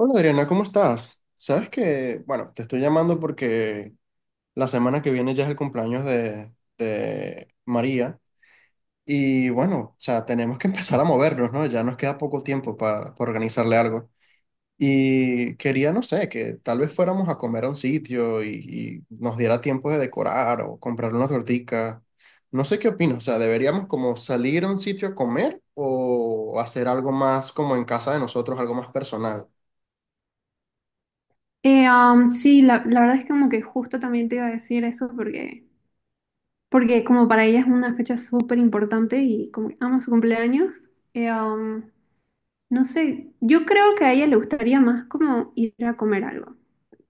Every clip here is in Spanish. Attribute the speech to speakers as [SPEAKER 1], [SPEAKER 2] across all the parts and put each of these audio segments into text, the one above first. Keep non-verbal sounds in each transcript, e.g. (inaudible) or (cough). [SPEAKER 1] Hola Adriana, ¿cómo estás? Sabes que, bueno, te estoy llamando porque la semana que viene ya es el cumpleaños de María y bueno, o sea, tenemos que (laughs) empezar a movernos, ¿no? Ya nos queda poco tiempo para organizarle algo. Y quería, no sé, que tal vez fuéramos a comer a un sitio y nos diera tiempo de decorar o comprar una tortica. No sé qué opinas, o sea, ¿deberíamos como salir a un sitio a comer o hacer algo más como en casa de nosotros, algo más personal?
[SPEAKER 2] Sí, la verdad es que como que justo también te iba a decir eso porque como para ella es una fecha súper importante y como que ama su cumpleaños. No sé, yo creo que a ella le gustaría más como ir a comer algo,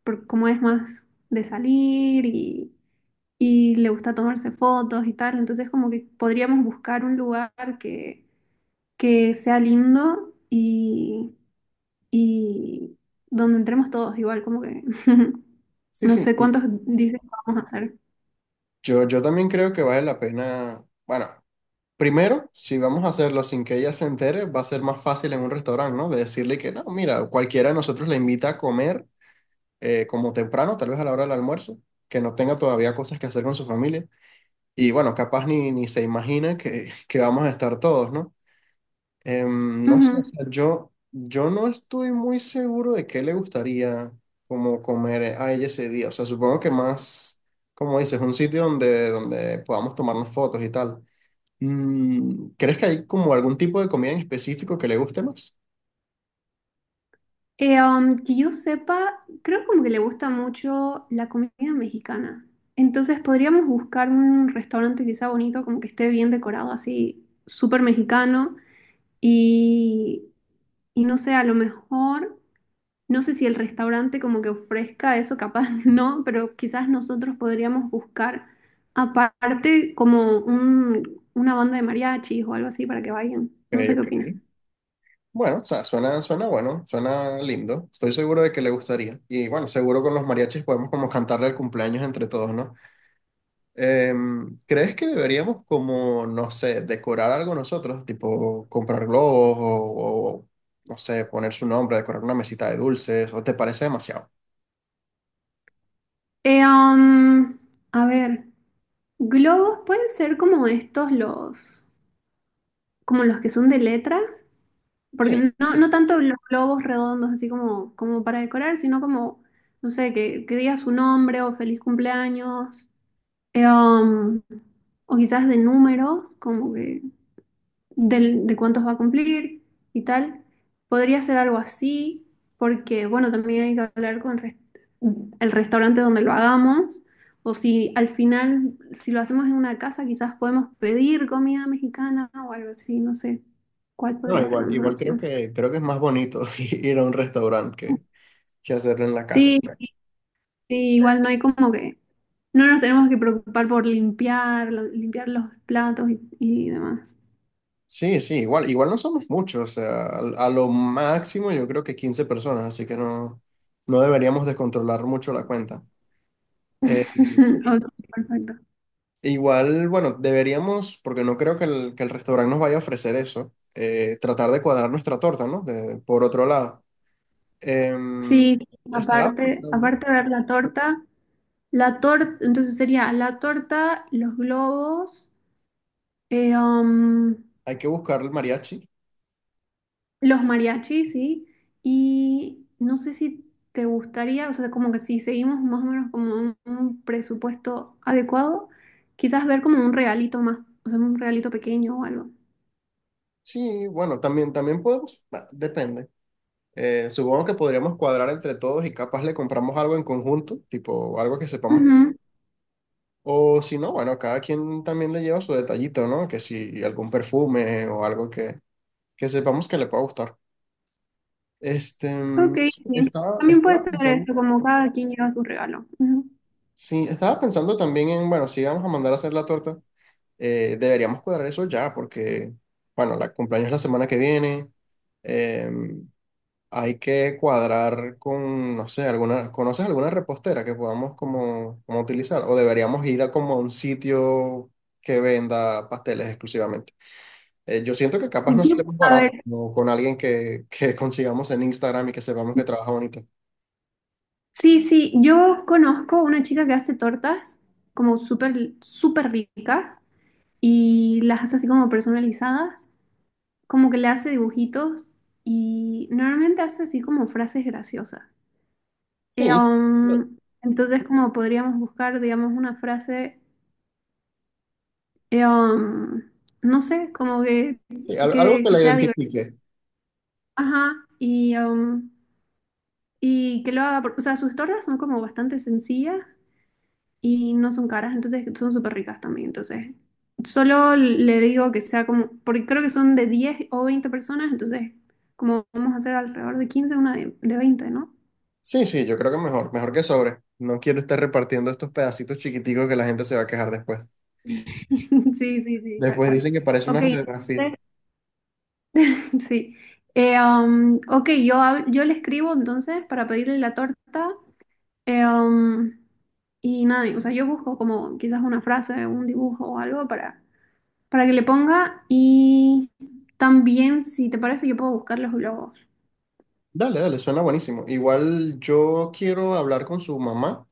[SPEAKER 2] porque como es más de salir y le gusta tomarse fotos y tal, entonces como que podríamos buscar un lugar que, que sea lindo y donde entremos todos, igual como que (laughs)
[SPEAKER 1] Sí,
[SPEAKER 2] no
[SPEAKER 1] sí.
[SPEAKER 2] sé cuántos dicen que vamos a hacer.
[SPEAKER 1] Yo también creo que vale la pena, bueno, primero, si vamos a hacerlo sin que ella se entere, va a ser más fácil en un restaurante, ¿no? De decirle que no, mira, cualquiera de nosotros la invita a comer como temprano, tal vez a la hora del almuerzo, que no tenga todavía cosas que hacer con su familia. Y bueno, capaz ni se imagina que, (laughs) que vamos a estar todos, ¿no? No sé, o
[SPEAKER 2] Ujú.
[SPEAKER 1] sea, yo no estoy muy seguro de qué le gustaría como comer a ella ese día. O sea, supongo que más, como dices, un sitio donde podamos tomarnos fotos y tal. Mm, ¿crees que hay como algún tipo de comida en específico que le guste más?
[SPEAKER 2] Que yo sepa, creo como que le gusta mucho la comida mexicana. Entonces podríamos buscar un restaurante que sea bonito, como que esté bien decorado, así súper mexicano. Y, y no sé, a lo mejor. No sé si el restaurante como que ofrezca eso, capaz (laughs) no, pero quizás nosotros podríamos buscar aparte como una banda de mariachis o algo así para que vayan.
[SPEAKER 1] Ok,
[SPEAKER 2] No sé qué opinas.
[SPEAKER 1] ok. Bueno, o sea, suena bueno, suena lindo. Estoy seguro de que le gustaría. Y bueno, seguro con los mariachis podemos como cantarle el cumpleaños entre todos, ¿no? Em, ¿crees que deberíamos como, no sé, decorar algo nosotros? Tipo comprar globos no sé, poner su nombre, decorar una mesita de dulces, ¿o te parece demasiado?
[SPEAKER 2] Eh, um, a ver, globos pueden ser como como los que son de letras,
[SPEAKER 1] Sí,
[SPEAKER 2] porque no tanto los globos redondos así como para decorar, sino como, no sé, que diga su nombre o feliz cumpleaños. Eh, um, o quizás de números, como que cuántos va a cumplir y tal. Podría ser algo así, porque bueno, también hay que hablar con el restaurante donde lo hagamos, o si al final, si lo hacemos en una casa, quizás podemos pedir comida mexicana o algo así, no sé cuál
[SPEAKER 1] no,
[SPEAKER 2] podría ser la
[SPEAKER 1] igual,
[SPEAKER 2] mejor
[SPEAKER 1] igual
[SPEAKER 2] opción.
[SPEAKER 1] creo que es más bonito (laughs) ir a un restaurante que hacerlo en la casa.
[SPEAKER 2] Sí, sí, igual no hay como que, no nos tenemos que preocupar por limpiar, limpiar los platos y demás.
[SPEAKER 1] Sí, sí, igual, igual no somos muchos, o sea, a lo máximo yo creo que 15 personas, así que no, no deberíamos descontrolar mucho la cuenta. Eh,
[SPEAKER 2] (laughs) Ok, perfecto.
[SPEAKER 1] Igual, bueno, deberíamos, porque no creo que el restaurante nos vaya a ofrecer eso, tratar de cuadrar nuestra torta, ¿no? De- por otro lado. Em,
[SPEAKER 2] Sí,
[SPEAKER 1] estaba pensando,
[SPEAKER 2] aparte de ver la torta, entonces sería la torta, los globos, eh, um,
[SPEAKER 1] hay que buscar el mariachi.
[SPEAKER 2] los mariachis, ¿sí? Y no sé si te gustaría, o sea, como que si seguimos más o menos como un presupuesto adecuado, quizás ver como un regalito más, o sea, un regalito pequeño o algo.
[SPEAKER 1] Sí, bueno, también, también podemos, bah, depende. Supongo que podríamos cuadrar entre todos y capaz le compramos algo en conjunto, tipo algo que sepamos que...
[SPEAKER 2] Ujú.
[SPEAKER 1] O si no, bueno, cada quien también le lleva su detallito, ¿no? Que si algún perfume o algo que sepamos que le pueda gustar. Este, mm,
[SPEAKER 2] Ok,
[SPEAKER 1] no sé,
[SPEAKER 2] sí.
[SPEAKER 1] estaba,
[SPEAKER 2] También puede
[SPEAKER 1] estaba
[SPEAKER 2] ser
[SPEAKER 1] pensando,
[SPEAKER 2] eso, como cada quien lleva su regalo. Ujú.
[SPEAKER 1] sí, estaba pensando también en, bueno, si vamos a mandar a hacer la torta, deberíamos cuadrar eso ya, porque, bueno, la cumpleaños es la semana que viene, eh, hay que cuadrar con, no sé, alguna, ¿conoces alguna repostera que podamos como utilizar? O deberíamos ir a como a un sitio que venda pasteles exclusivamente. Yo siento que capaz nos
[SPEAKER 2] Yo,
[SPEAKER 1] sale más
[SPEAKER 2] a
[SPEAKER 1] barato,
[SPEAKER 2] ver,
[SPEAKER 1] ¿no? Con alguien que (laughs) consigamos en Instagram y que sepamos que trabaja bonito.
[SPEAKER 2] sí, sí, yo conozco una chica que hace tortas como súper, súper ricas y las hace así como personalizadas, como que le hace dibujitos y normalmente hace así como frases graciosas.
[SPEAKER 1] Sí,
[SPEAKER 2] Entonces como podríamos buscar, digamos, una frase, eh, um, no sé, como que,
[SPEAKER 1] sí, al- algo que
[SPEAKER 2] que
[SPEAKER 1] la
[SPEAKER 2] sea divertida,
[SPEAKER 1] identifique.
[SPEAKER 2] ajá, y que lo haga, o sea, sus tortas son como bastante sencillas y no son caras, entonces son súper ricas también. Entonces, solo le digo que sea como, porque creo que son de 10 o 20 personas, entonces, como vamos a hacer alrededor de 15 una de 20, ¿no?
[SPEAKER 1] Sí, sí, yo creo que mejor, mejor que sobre. No quiero estar repartiendo estos pedacitos chiquiticos que la gente se va a quejar después.
[SPEAKER 2] (laughs) Sí, sí, sí, tal
[SPEAKER 1] Después
[SPEAKER 2] cual.
[SPEAKER 1] dicen que parece una
[SPEAKER 2] Ok,
[SPEAKER 1] radiografía.
[SPEAKER 2] entonces, (laughs) sí. Ok, yo le escribo entonces para pedirle la torta. eh, um, y nada, o sea, yo busco como quizás una frase, un dibujo o algo para que le ponga y también, si te parece, yo puedo buscar los globos.
[SPEAKER 1] Dale, dale, suena buenísimo. Igual yo quiero hablar con su mamá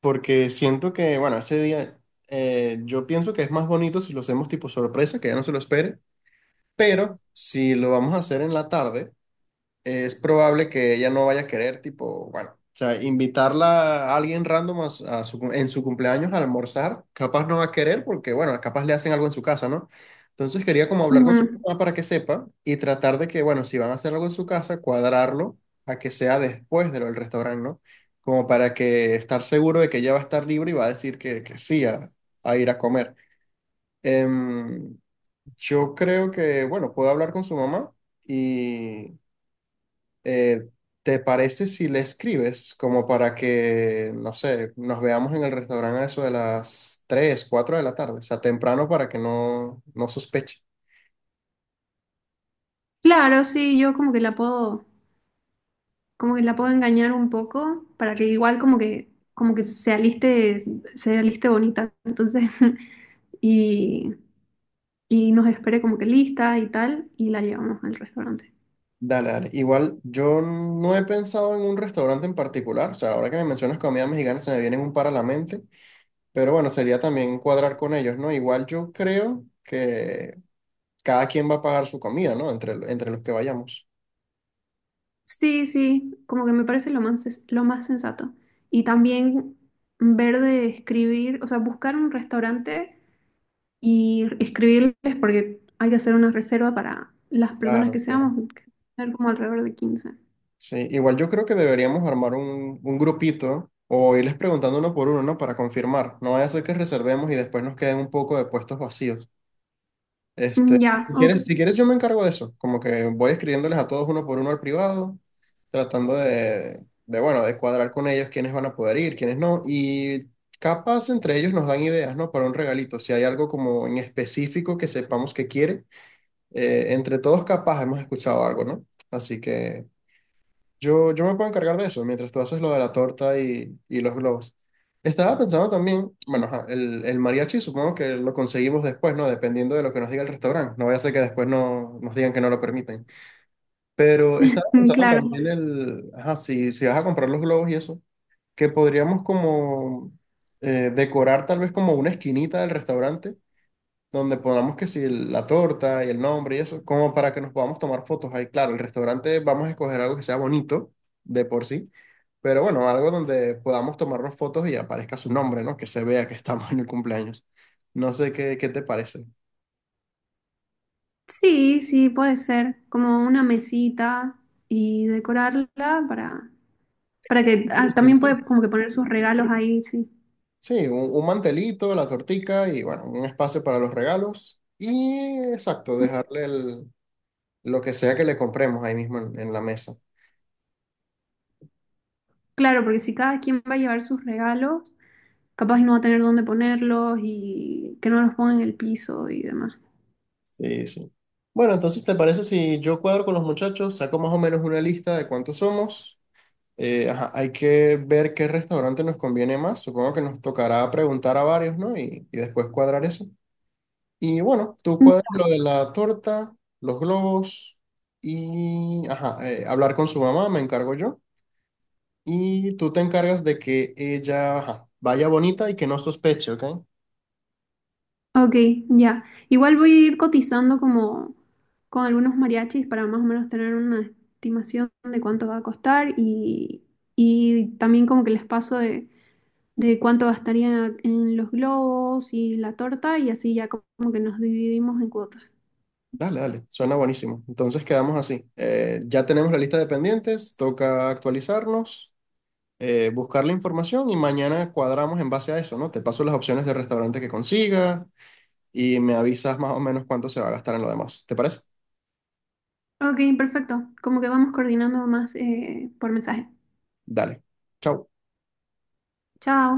[SPEAKER 1] porque siento que, bueno, ese día yo pienso que es más bonito si lo hacemos tipo sorpresa, que ella no se lo espere, pero si lo vamos a hacer en la tarde. Es probable que ella no vaya a querer, tipo, bueno, o sea, invitarla a alguien random a su cum- en su cumpleaños a almorzar, capaz no va a querer porque, bueno, capaz le hacen algo en su casa, ¿no? Entonces quería como hablar con su
[SPEAKER 2] Ujú.
[SPEAKER 1] mamá para que sepa y tratar de que, bueno, si van a hacer algo en su casa, cuadrarlo a que sea después de lo del restaurante, ¿no? Como para que estar seguro de que ella va a estar libre y va a decir que sí a ir a comer. Em, yo creo que, bueno, puedo hablar con su mamá eh, ¿te parece si le escribes como para que, no sé, nos veamos en el restaurante a eso de las 3-4 de la tarde? O sea, temprano para que no, no sospeche.
[SPEAKER 2] Claro, sí, yo como que la puedo, como que la puedo engañar un poco para que igual como que se aliste bonita, entonces, (laughs) y, y nos espere como que lista y tal, y la llevamos al restaurante.
[SPEAKER 1] Dale, dale. Igual yo no he pensado en un restaurante en particular. O sea, ahora que me mencionas comida mexicana se me vienen un par a la mente. Pero bueno, sería también cuadrar con ellos, ¿no? Igual yo creo que cada quien va a pagar su comida, ¿no? Entre los que vayamos.
[SPEAKER 2] Sí, sí, como que me parece lo más, lo más sensato. Y también ver de escribir, o sea, buscar un restaurante y escribirles porque hay que hacer una reserva para las personas
[SPEAKER 1] Claro,
[SPEAKER 2] que
[SPEAKER 1] claro.
[SPEAKER 2] seamos, que ser como alrededor de 15.
[SPEAKER 1] Sí, igual yo creo que deberíamos armar un grupito o irles preguntando uno por uno, ¿no? Para confirmar. No vaya a ser que reservemos y después nos queden un poco de puestos vacíos.
[SPEAKER 2] Mm,
[SPEAKER 1] Este,
[SPEAKER 2] ya, ok,
[SPEAKER 1] si quieres yo me encargo de eso. Como que voy escribiéndoles a todos uno por uno al privado, tratando bueno, de cuadrar con ellos quiénes van a poder ir, quiénes no. Y capaz entre ellos nos dan ideas, ¿no? Para un regalito. Si hay algo como en específico que sepamos que quiere, entre todos capaz hemos escuchado algo, ¿no? Así que... Yo me puedo encargar de eso mientras tú haces lo de la torta y los globos. Estaba pensando también, bueno, ajá, el mariachi supongo que lo conseguimos después, ¿no? Dependiendo de lo que nos diga el restaurante. No vaya a ser que después no, nos digan que no lo permiten. Pero estaba
[SPEAKER 2] (laughs) mm,
[SPEAKER 1] pensando
[SPEAKER 2] claro.
[SPEAKER 1] también el, ajá, si vas a comprar los globos y eso, que podríamos como decorar tal vez como una esquinita del restaurante donde pongamos que si el- la torta y el nombre y eso, como para que nos podamos tomar fotos ahí. Claro, el restaurante vamos a escoger algo que sea bonito de por sí, pero bueno, algo donde podamos tomarnos fotos y aparezca su nombre, ¿no? Que se vea que estamos en el cumpleaños. No sé qué, qué te parece.
[SPEAKER 2] Sí, sí, puede ser como una mesita y decorarla para, para que ah,
[SPEAKER 1] Cristian,
[SPEAKER 2] también
[SPEAKER 1] sí.
[SPEAKER 2] puede como que poner sus regalos ahí, sí.
[SPEAKER 1] Sí, sí, un mantelito, la tortica y bueno, un espacio para los regalos y exacto, dejarle el- lo que sea que le compremos ahí mismo en la mesa.
[SPEAKER 2] Claro, porque si cada quien va a llevar sus regalos, capaz y no va a tener dónde ponerlos y que no los ponga en el piso y demás.
[SPEAKER 1] Sí, sí. Bueno, entonces, ¿te parece si yo cuadro con los muchachos, saco más o menos una lista de cuántos somos? Ajá, hay que ver qué restaurante nos conviene más. Supongo que nos tocará preguntar a varios, ¿no? Y después cuadrar eso. Y bueno, tú cuadras lo de la torta, los globos ajá, hablar con su mamá, me encargo yo. Y tú te encargas de que ella, ajá, vaya bonita y que no sospeche, ¿ok?
[SPEAKER 2] Ok, ya. Igual voy a ir cotizando como con algunos mariachis para más o menos tener una estimación de cuánto va a costar y también como que les paso de cuánto gastaría en los globos y la torta y así ya como que nos dividimos en cuotas.
[SPEAKER 1] Dale, dale, suena buenísimo. Entonces quedamos así. Ya tenemos la lista de pendientes, toca actualizarnos, buscar la información y mañana cuadramos en base a eso, ¿no? Te paso las opciones de restaurante que consiga y me avisas más o menos cuánto se va a gastar en lo demás. ¿Te parece?
[SPEAKER 2] Ok, perfecto. Como que vamos coordinando más por mensaje.
[SPEAKER 1] Dale. Chao.
[SPEAKER 2] Chao.